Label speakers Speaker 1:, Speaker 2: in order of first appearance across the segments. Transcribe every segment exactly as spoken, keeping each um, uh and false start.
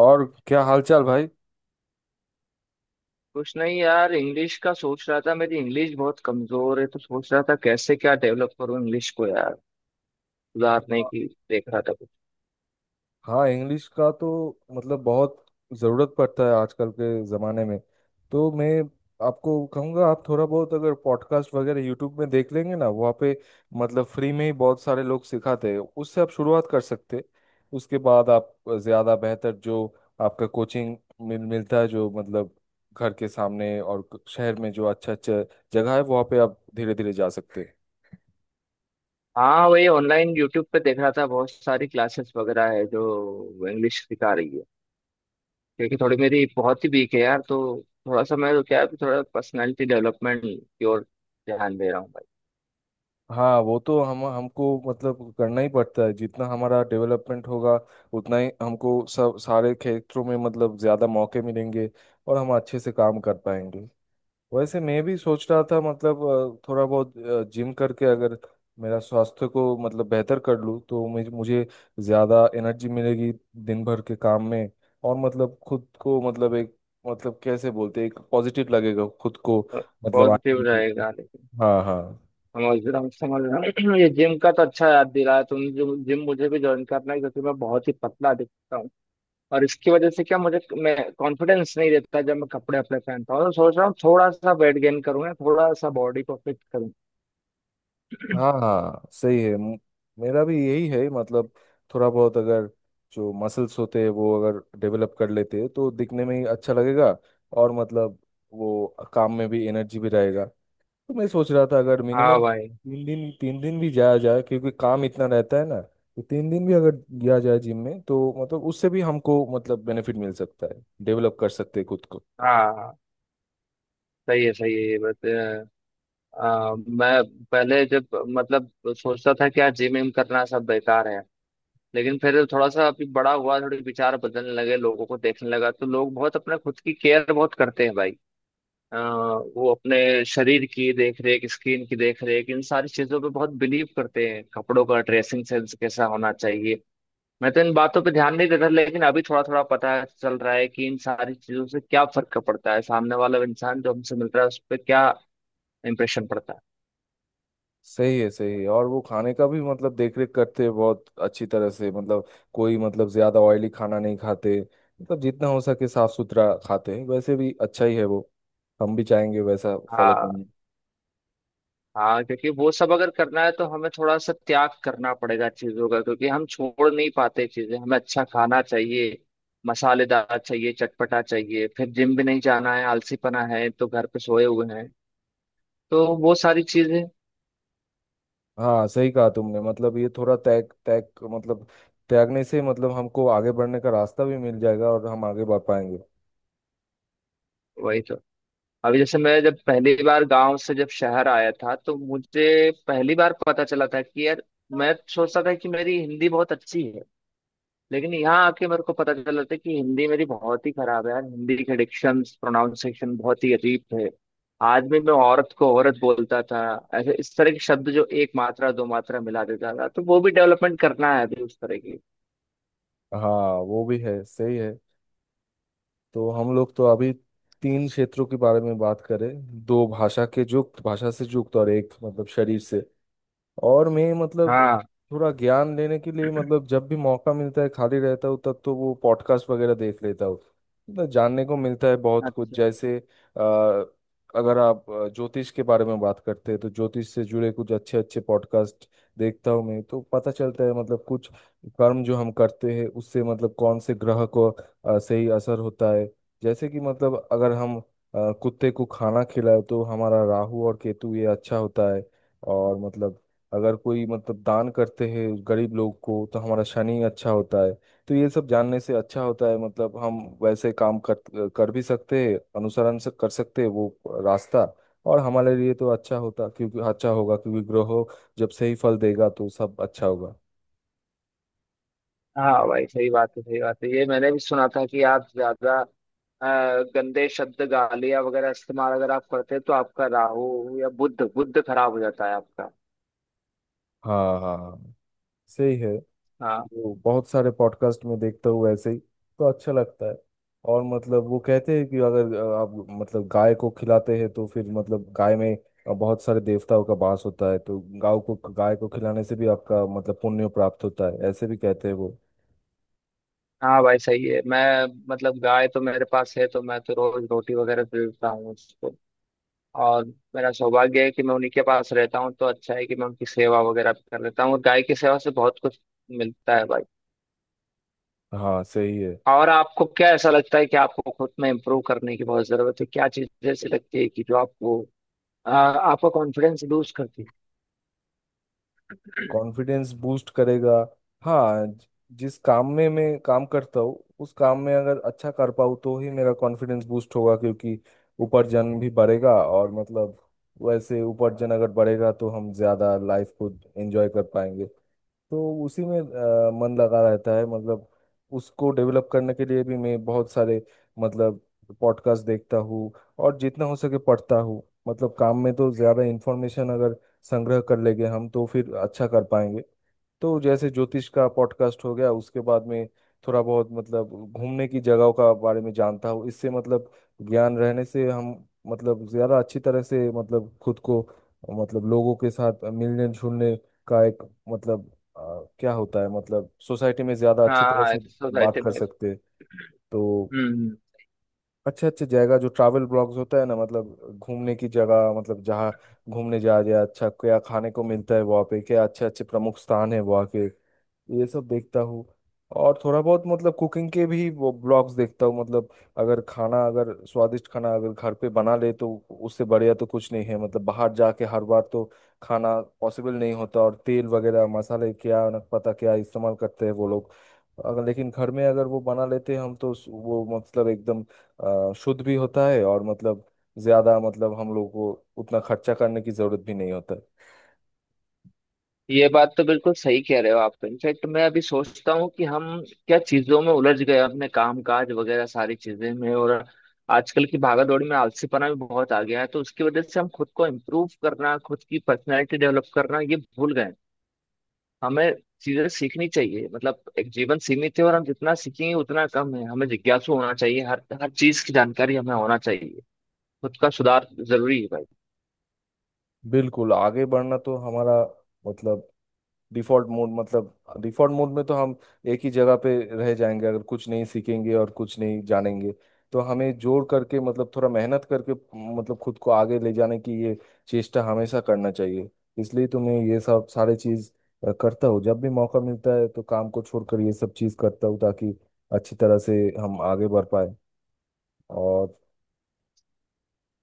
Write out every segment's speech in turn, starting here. Speaker 1: और क्या हालचाल भाई।
Speaker 2: कुछ नहीं यार, इंग्लिश का सोच रहा था। मेरी इंग्लिश बहुत कमजोर है तो सोच रहा था कैसे क्या डेवलप करूँ इंग्लिश को, यार सुधारने
Speaker 1: हाँ।
Speaker 2: की। देख रहा था कुछ।
Speaker 1: हाँ, इंग्लिश का तो मतलब बहुत ज़रूरत पड़ता है आजकल के ज़माने में। तो मैं आपको कहूँगा आप थोड़ा बहुत अगर पॉडकास्ट वगैरह यूट्यूब में देख लेंगे ना वहाँ पे मतलब फ्री में ही बहुत सारे लोग सिखाते हैं उससे आप शुरुआत कर सकते हैं। उसके बाद आप ज़्यादा बेहतर जो आपका कोचिंग मिल मिलता है जो मतलब घर के सामने और शहर में जो अच्छा अच्छा जगह है वहाँ पे आप धीरे धीरे जा सकते हैं।
Speaker 2: हाँ, वही ऑनलाइन यूट्यूब पे देख रहा था, बहुत सारी क्लासेस वगैरह है जो इंग्लिश सिखा रही है। क्योंकि थोड़ी मेरी बहुत ही वीक है यार, तो थोड़ा सा मैं तो क्या है, थोड़ा पर्सनालिटी डेवलपमेंट की ओर ध्यान दे रहा हूँ भाई।
Speaker 1: हाँ, वो तो हम हमको मतलब करना ही पड़ता है, जितना हमारा डेवलपमेंट होगा उतना ही हमको सब सारे क्षेत्रों में मतलब ज़्यादा मौके मिलेंगे और हम अच्छे से काम कर पाएंगे। वैसे मैं भी सोच रहा था मतलब अ, थोड़ा बहुत जिम करके अगर मेरा स्वास्थ्य को मतलब बेहतर कर लूँ तो मुझे मुझे ज़्यादा एनर्जी मिलेगी दिन भर के काम में। और मतलब खुद को मतलब एक मतलब कैसे बोलते हैं, एक पॉजिटिव लगेगा खुद को मतलब हम्म। आने
Speaker 2: पॉजिटिव
Speaker 1: में खुद
Speaker 2: रहेगा, लेकिन
Speaker 1: को। हाँ हाँ।
Speaker 2: समझ रहा हूँ, समझ रहा हूँ। ये जिम का तो अच्छा याद दिलाया तुम। जिम जिम मुझे भी ज्वाइन करना है, क्योंकि मैं बहुत ही पतला दिखता हूँ। और इसकी वजह से क्या, मुझे मैं कॉन्फिडेंस नहीं रहता जब मैं कपड़े अपने पहनता हूँ। तो सोच रहा हूँ थोड़ा सा वेट गेन करूँ या थोड़ा सा बॉडी को फिट करूँ।
Speaker 1: हाँ सही है। म- मेरा भी यही है मतलब थोड़ा बहुत अगर जो मसल्स होते हैं वो अगर डेवलप कर लेते हैं तो दिखने में ही अच्छा लगेगा। और मतलब वो काम में भी एनर्जी भी रहेगा। तो मैं सोच रहा था अगर
Speaker 2: हाँ
Speaker 1: मिनिमम
Speaker 2: भाई,
Speaker 1: तीन दिन तीन दिन भी जाया जाए, क्योंकि काम इतना रहता है ना, तो तीन दिन भी अगर गया जाए जिम में तो मतलब उससे भी हमको मतलब बेनिफिट मिल सकता है, डेवलप कर सकते हैं खुद को।
Speaker 2: हाँ सही है, सही है ये बात। अ, अ, मैं पहले जब मतलब सोचता था कि यार, जिम विम करना सब बेकार है। लेकिन फिर थोड़ा सा अभी बड़ा हुआ, थोड़े विचार बदलने लगे, लोगों को देखने लगा तो लोग बहुत अपने खुद की केयर बहुत करते हैं भाई। अ, वो अपने शरीर की देख रेख, स्किन की देख रेख, इन सारी चीजों पे बहुत बिलीव करते हैं, कपड़ों का ड्रेसिंग सेंस कैसा होना चाहिए। मैं तो इन बातों पे ध्यान नहीं देता, लेकिन अभी थोड़ा थोड़ा पता चल रहा है कि इन सारी चीजों से क्या फर्क पड़ता है, सामने वाला इंसान जो हमसे मिल रहा है उस पर क्या इम्प्रेशन पड़ता है।
Speaker 1: सही है सही है। और वो खाने का भी मतलब देख रेख करते हैं बहुत अच्छी तरह से, मतलब कोई मतलब ज्यादा ऑयली खाना नहीं खाते, मतलब जितना हो सके साफ सुथरा खाते हैं, वैसे भी अच्छा ही है वो। हम भी चाहेंगे वैसा फॉलो
Speaker 2: हाँ,
Speaker 1: करना।
Speaker 2: हाँ, क्योंकि वो सब अगर करना है तो हमें थोड़ा सा त्याग करना पड़ेगा चीजों का, क्योंकि हम छोड़ नहीं पाते चीजें। हमें अच्छा खाना चाहिए, मसालेदार चाहिए, चटपटा चाहिए, फिर जिम भी नहीं जाना है, आलसीपना है तो घर पे सोए हुए हैं। तो वो सारी चीजें।
Speaker 1: हाँ सही कहा तुमने, मतलब ये थोड़ा त्याग त्याग मतलब त्यागने से मतलब हमको आगे बढ़ने का रास्ता भी मिल जाएगा और हम आगे बढ़ पाएंगे।
Speaker 2: वही तो। अभी जैसे मैं जब पहली बार गांव से जब शहर आया था तो मुझे पहली बार पता चला था कि यार, मैं सोचता था कि मेरी हिंदी बहुत अच्छी है, लेकिन यहाँ आके मेरे को पता चला था कि हिंदी मेरी बहुत ही खराब है यार। हिंदी के डिक्शन, प्रोनाउंसिएशन बहुत ही अजीब थे। आदमी में औरत को औरत बोलता था, ऐसे इस तरह के शब्द जो एक मात्रा दो मात्रा मिला देता था। तो वो भी डेवलपमेंट करना है अभी उस तरह की।
Speaker 1: हाँ वो भी है, सही है। तो हम लोग तो अभी तीन क्षेत्रों के बारे में बात करें, दो भाषा के युक्त भाषा से युक्त और एक मतलब शरीर से। और मैं मतलब
Speaker 2: हाँ।
Speaker 1: थोड़ा ज्ञान लेने के लिए मतलब जब भी मौका मिलता है खाली रहता हूँ तब तो वो पॉडकास्ट वगैरह देख लेता हूँ। मतलब जानने को मिलता है बहुत कुछ,
Speaker 2: अच्छा।
Speaker 1: जैसे अ, अगर आप अ, ज्योतिष के बारे में बात करते हैं तो ज्योतिष से जुड़े कुछ अच्छे अच्छे पॉडकास्ट देखता हूँ मैं, तो पता चलता है मतलब कुछ कर्म जो हम करते हैं उससे मतलब कौन से ग्रह को अ, सही असर होता है। जैसे कि मतलब अगर हम अ, कुत्ते को खाना खिलाए तो हमारा राहु और केतु ये अच्छा होता है। और मतलब अगर कोई मतलब दान करते हैं गरीब लोग को तो हमारा शनि अच्छा होता है। तो ये सब जानने से अच्छा होता है, मतलब हम वैसे काम कर कर भी सकते हैं, अनुसरण से कर सकते हैं वो रास्ता और हमारे लिए तो अच्छा होता क्योंकि अच्छा होगा क्योंकि ग्रह जब सही फल देगा तो सब अच्छा होगा।
Speaker 2: हाँ भाई, सही बात है, सही बात है। ये मैंने भी सुना था कि आप ज्यादा अ, गंदे शब्द गालियाँ वगैरह इस्तेमाल अगर आप करते हैं तो आपका राहु या बुध बुध खराब हो जाता है आपका।
Speaker 1: हाँ हाँ हाँ, सही है। वो बहुत सारे पॉडकास्ट में देखता हूँ ऐसे ही, तो अच्छा लगता है। और मतलब वो कहते हैं कि अगर अ, आप मतलब गाय को खिलाते हैं तो फिर मतलब गाय में अ, बहुत सारे देवताओं का वास होता है, तो गाय को गाय को खिलाने से भी आपका मतलब पुण्य प्राप्त होता है, ऐसे भी कहते हैं वो।
Speaker 2: हाँ भाई, सही है। मैं मतलब गाय तो मेरे पास है तो मैं तो रोज रोटी वगैरह दे देता हूँ उसको। और मेरा सौभाग्य है कि मैं उन्हीं के पास रहता हूँ, तो अच्छा है कि मैं उनकी सेवा वगैरह भी कर लेता हूँ। और गाय की सेवा से बहुत कुछ मिलता है भाई।
Speaker 1: हाँ सही है।
Speaker 2: और आपको क्या ऐसा लगता है कि आपको खुद में इम्प्रूव करने की बहुत जरूरत है? क्या चीज ऐसी लगती है कि जो आपको आ, आपका कॉन्फिडेंस लूज करती है?
Speaker 1: कॉन्फिडेंस बूस्ट करेगा। हाँ, ज- जिस काम में मैं काम करता हूँ उस काम में अगर अच्छा कर पाऊँ तो ही मेरा कॉन्फिडेंस बूस्ट होगा, क्योंकि उपार्जन भी बढ़ेगा और मतलब वैसे उपार्जन अगर बढ़ेगा तो हम ज़्यादा लाइफ को एंजॉय कर पाएंगे। तो उसी में अ, मन लगा रहता है, मतलब उसको डेवलप करने के लिए भी मैं बहुत सारे मतलब पॉडकास्ट देखता हूँ और जितना हो सके पढ़ता हूँ। मतलब काम में तो ज़्यादा इन्फॉर्मेशन अगर संग्रह कर लेंगे हम तो फिर अच्छा कर पाएंगे। तो जैसे ज्योतिष का पॉडकास्ट हो गया, उसके बाद में थोड़ा बहुत मतलब घूमने की जगहों का बारे में जानता हूँ, इससे मतलब ज्ञान रहने से हम मतलब ज्यादा अच्छी तरह से मतलब खुद को मतलब लोगों के साथ मिलने जुलने का एक मतलब अ, क्या होता है मतलब सोसाइटी में ज्यादा अच्छी तरह
Speaker 2: हाँ,
Speaker 1: से
Speaker 2: एक
Speaker 1: बात
Speaker 2: सोसाइटी
Speaker 1: कर
Speaker 2: में।
Speaker 1: सकते हैं। तो
Speaker 2: हम्म।
Speaker 1: अच्छे अच्छे जगह जो ट्रैवल ब्लॉग्स होता है ना, मतलब घूमने की जगह मतलब जहाँ घूमने जा रहे हैं, अच्छा क्या खाने को मिलता है वहाँ पे, क्या अच्छे अच्छे प्रमुख स्थान है वहाँ के, ये सब देखता हूँ। और थोड़ा बहुत मतलब कुकिंग के भी वो ब्लॉग्स देखता हूँ। मतलब अगर खाना अगर स्वादिष्ट खाना अगर घर पे बना ले तो उससे बढ़िया तो कुछ नहीं है, मतलब बाहर जाके हर बार तो खाना पॉसिबल नहीं होता, और तेल वगैरह मसाले क्या न पता क्या इस्तेमाल करते हैं वो लोग, अगर लेकिन घर में अगर वो बना लेते हैं हम तो उस- वो मतलब एकदम अ, शुद्ध भी होता है और मतलब ज्यादा मतलब हम लोग को उतना खर्चा करने की जरूरत भी नहीं होता है।
Speaker 2: ये बात तो बिल्कुल सही कह रहे हो आप। इनफैक्ट मैं अभी सोचता हूँ कि हम क्या चीजों में उलझ गए, अपने काम काज वगैरह सारी चीजें में। और आजकल की भागदौड़ में आलसीपना भी बहुत आ गया है, तो उसकी वजह से हम खुद को इम्प्रूव करना, खुद की पर्सनैलिटी डेवलप करना ये भूल गए हैं। हमें चीजें सीखनी चाहिए। मतलब एक जीवन सीमित है और हम जितना सीखेंगे उतना कम है। हमें जिज्ञासु होना चाहिए, हर हर चीज की जानकारी हमें होना चाहिए। खुद का सुधार जरूरी है भाई।
Speaker 1: बिल्कुल, आगे बढ़ना तो हमारा मतलब डिफॉल्ट मोड, मतलब डिफॉल्ट मोड में तो हम एक ही जगह पे रह जाएंगे अगर कुछ नहीं सीखेंगे और कुछ नहीं जानेंगे। तो हमें जोड़ करके मतलब थोड़ा मेहनत करके मतलब खुद को आगे ले जाने की ये चेष्टा हमेशा करना चाहिए। इसलिए तो मैं ये सब सारे चीज अ, करता हूँ, जब भी मौका मिलता है तो काम को छोड़कर ये सब चीज करता हूँ ताकि अच्छी तरह से हम आगे बढ़ पाए। और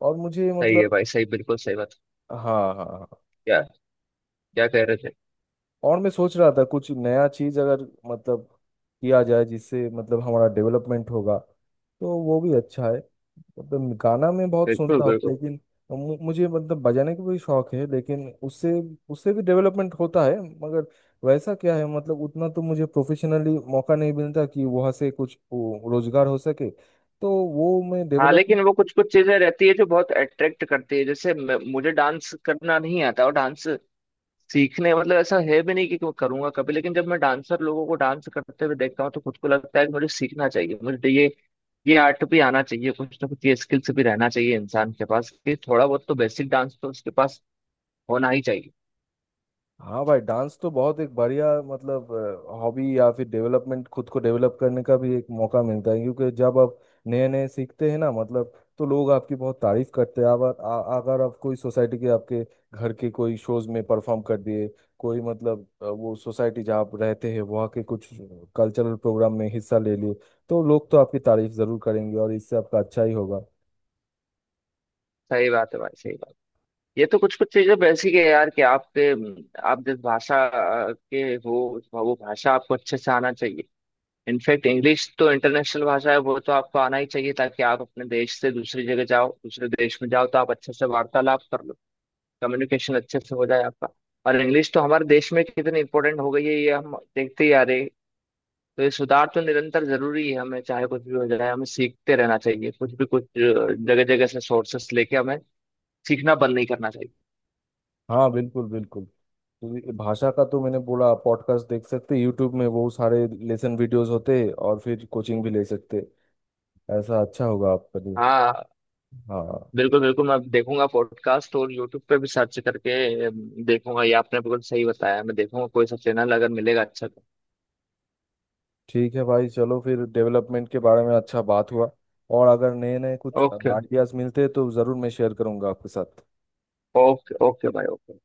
Speaker 1: और मुझे
Speaker 2: सही है
Speaker 1: मतलब
Speaker 2: भाई, सही, बिल्कुल सही बात।
Speaker 1: हाँ हाँ हाँ।
Speaker 2: क्या, क्या कह रहे थे?
Speaker 1: और मैं सोच रहा था कुछ नया चीज़ अगर मतलब किया जाए जिससे मतलब हमारा डेवलपमेंट होगा तो वो भी अच्छा है। मतलब गाना मैं बहुत
Speaker 2: बिल्कुल,
Speaker 1: सुनता हूँ
Speaker 2: बिल्कुल।
Speaker 1: लेकिन मु- मुझे मतलब बजाने का भी शौक है, लेकिन उससे उससे भी डेवलपमेंट होता है, मगर वैसा क्या है मतलब उतना तो मुझे प्रोफेशनली मौका नहीं मिलता कि वहाँ से कुछ वो रोजगार हो सके, तो वो मैं
Speaker 2: हाँ
Speaker 1: डेवलप।
Speaker 2: लेकिन वो कुछ कुछ चीजें रहती है जो बहुत अट्रैक्ट करती है, जैसे म- मुझे डांस करना नहीं आता। और डांस सीखने, मतलब ऐसा है भी नहीं कि मैं करूंगा कभी, लेकिन जब मैं डांसर लोगों को डांस करते हुए देखता हूँ तो खुद को लगता है कि मुझे सीखना चाहिए, मुझे ये ये आर्ट भी आना चाहिए। कुछ ना कुछ ये स्किल्स भी रहना चाहिए इंसान के पास कि थोड़ा बहुत तो बेसिक डांस तो उसके पास होना ही चाहिए।
Speaker 1: हाँ भाई, डांस तो बहुत एक बढ़िया मतलब हॉबी, या फिर डेवलपमेंट खुद को डेवलप करने का भी एक मौका मिलता है, क्योंकि जब आप नए नए सीखते हैं ना मतलब तो लोग आपकी बहुत तारीफ करते हैं। अगर आ- अगर आप कोई सोसाइटी के आपके घर के कोई शोज में परफॉर्म कर दिए, कोई मतलब अ, वो सोसाइटी जहाँ आप रहते हैं वहाँ के कुछ कल्चरल प्रोग्राम में हिस्सा ले लिए, तो लोग तो आपकी तारीफ जरूर करेंगे और इससे आपका अच्छा ही होगा।
Speaker 2: सही बात है भाई, सही बात। ये तो कुछ कुछ चीजें बेसिक है यार कि आपके आप जिस भाषा अ, के हो उस- वो भाषा आपको अच्छे से आना चाहिए। इनफैक्ट इंग्लिश तो इंटरनेशनल भाषा है, वो तो आपको आना ही चाहिए, ताकि आप अपने देश से दूसरी जगह जाओ, दूसरे देश में जाओ, तो आप अच्छे से वार्तालाप कर लो, कम्युनिकेशन अच्छे से हो जाए आपका। और इंग्लिश तो हमारे देश में कितनी इंपॉर्टेंट हो गई है ये हम देखते ही आ रहे हैं। तो ये सुधार तो निरंतर जरूरी है, हमें चाहे कुछ भी हो जाए हमें सीखते रहना चाहिए, कुछ भी, कुछ जगह जगह से सोर्सेस लेके हमें सीखना बंद नहीं करना चाहिए।
Speaker 1: हाँ बिल्कुल बिल्कुल। तो ये भाषा का तो मैंने बोला पॉडकास्ट देख सकते, यूट्यूब में बहुत सारे लेसन वीडियोस होते, और फिर कोचिंग भी ले सकते, ऐसा अच्छा होगा आपके लिए।
Speaker 2: हाँ
Speaker 1: हाँ।
Speaker 2: बिल्कुल, बिल्कुल। मैं देखूंगा पॉडकास्ट और यूट्यूब पे भी सर्च करके अम, देखूंगा। ये आपने बिल्कुल सही बताया, मैं देखूंगा कोई सा चैनल अगर मिलेगा अच्छा तो।
Speaker 1: ठीक है भाई, चलो फिर डेवलपमेंट के बारे में अच्छा बात हुआ, और अगर नए नए कुछ
Speaker 2: ओके,
Speaker 1: आइडियाज मिलते हैं तो ज़रूर मैं शेयर करूंगा आपके साथ।
Speaker 2: ओके ओके भाई, ओके।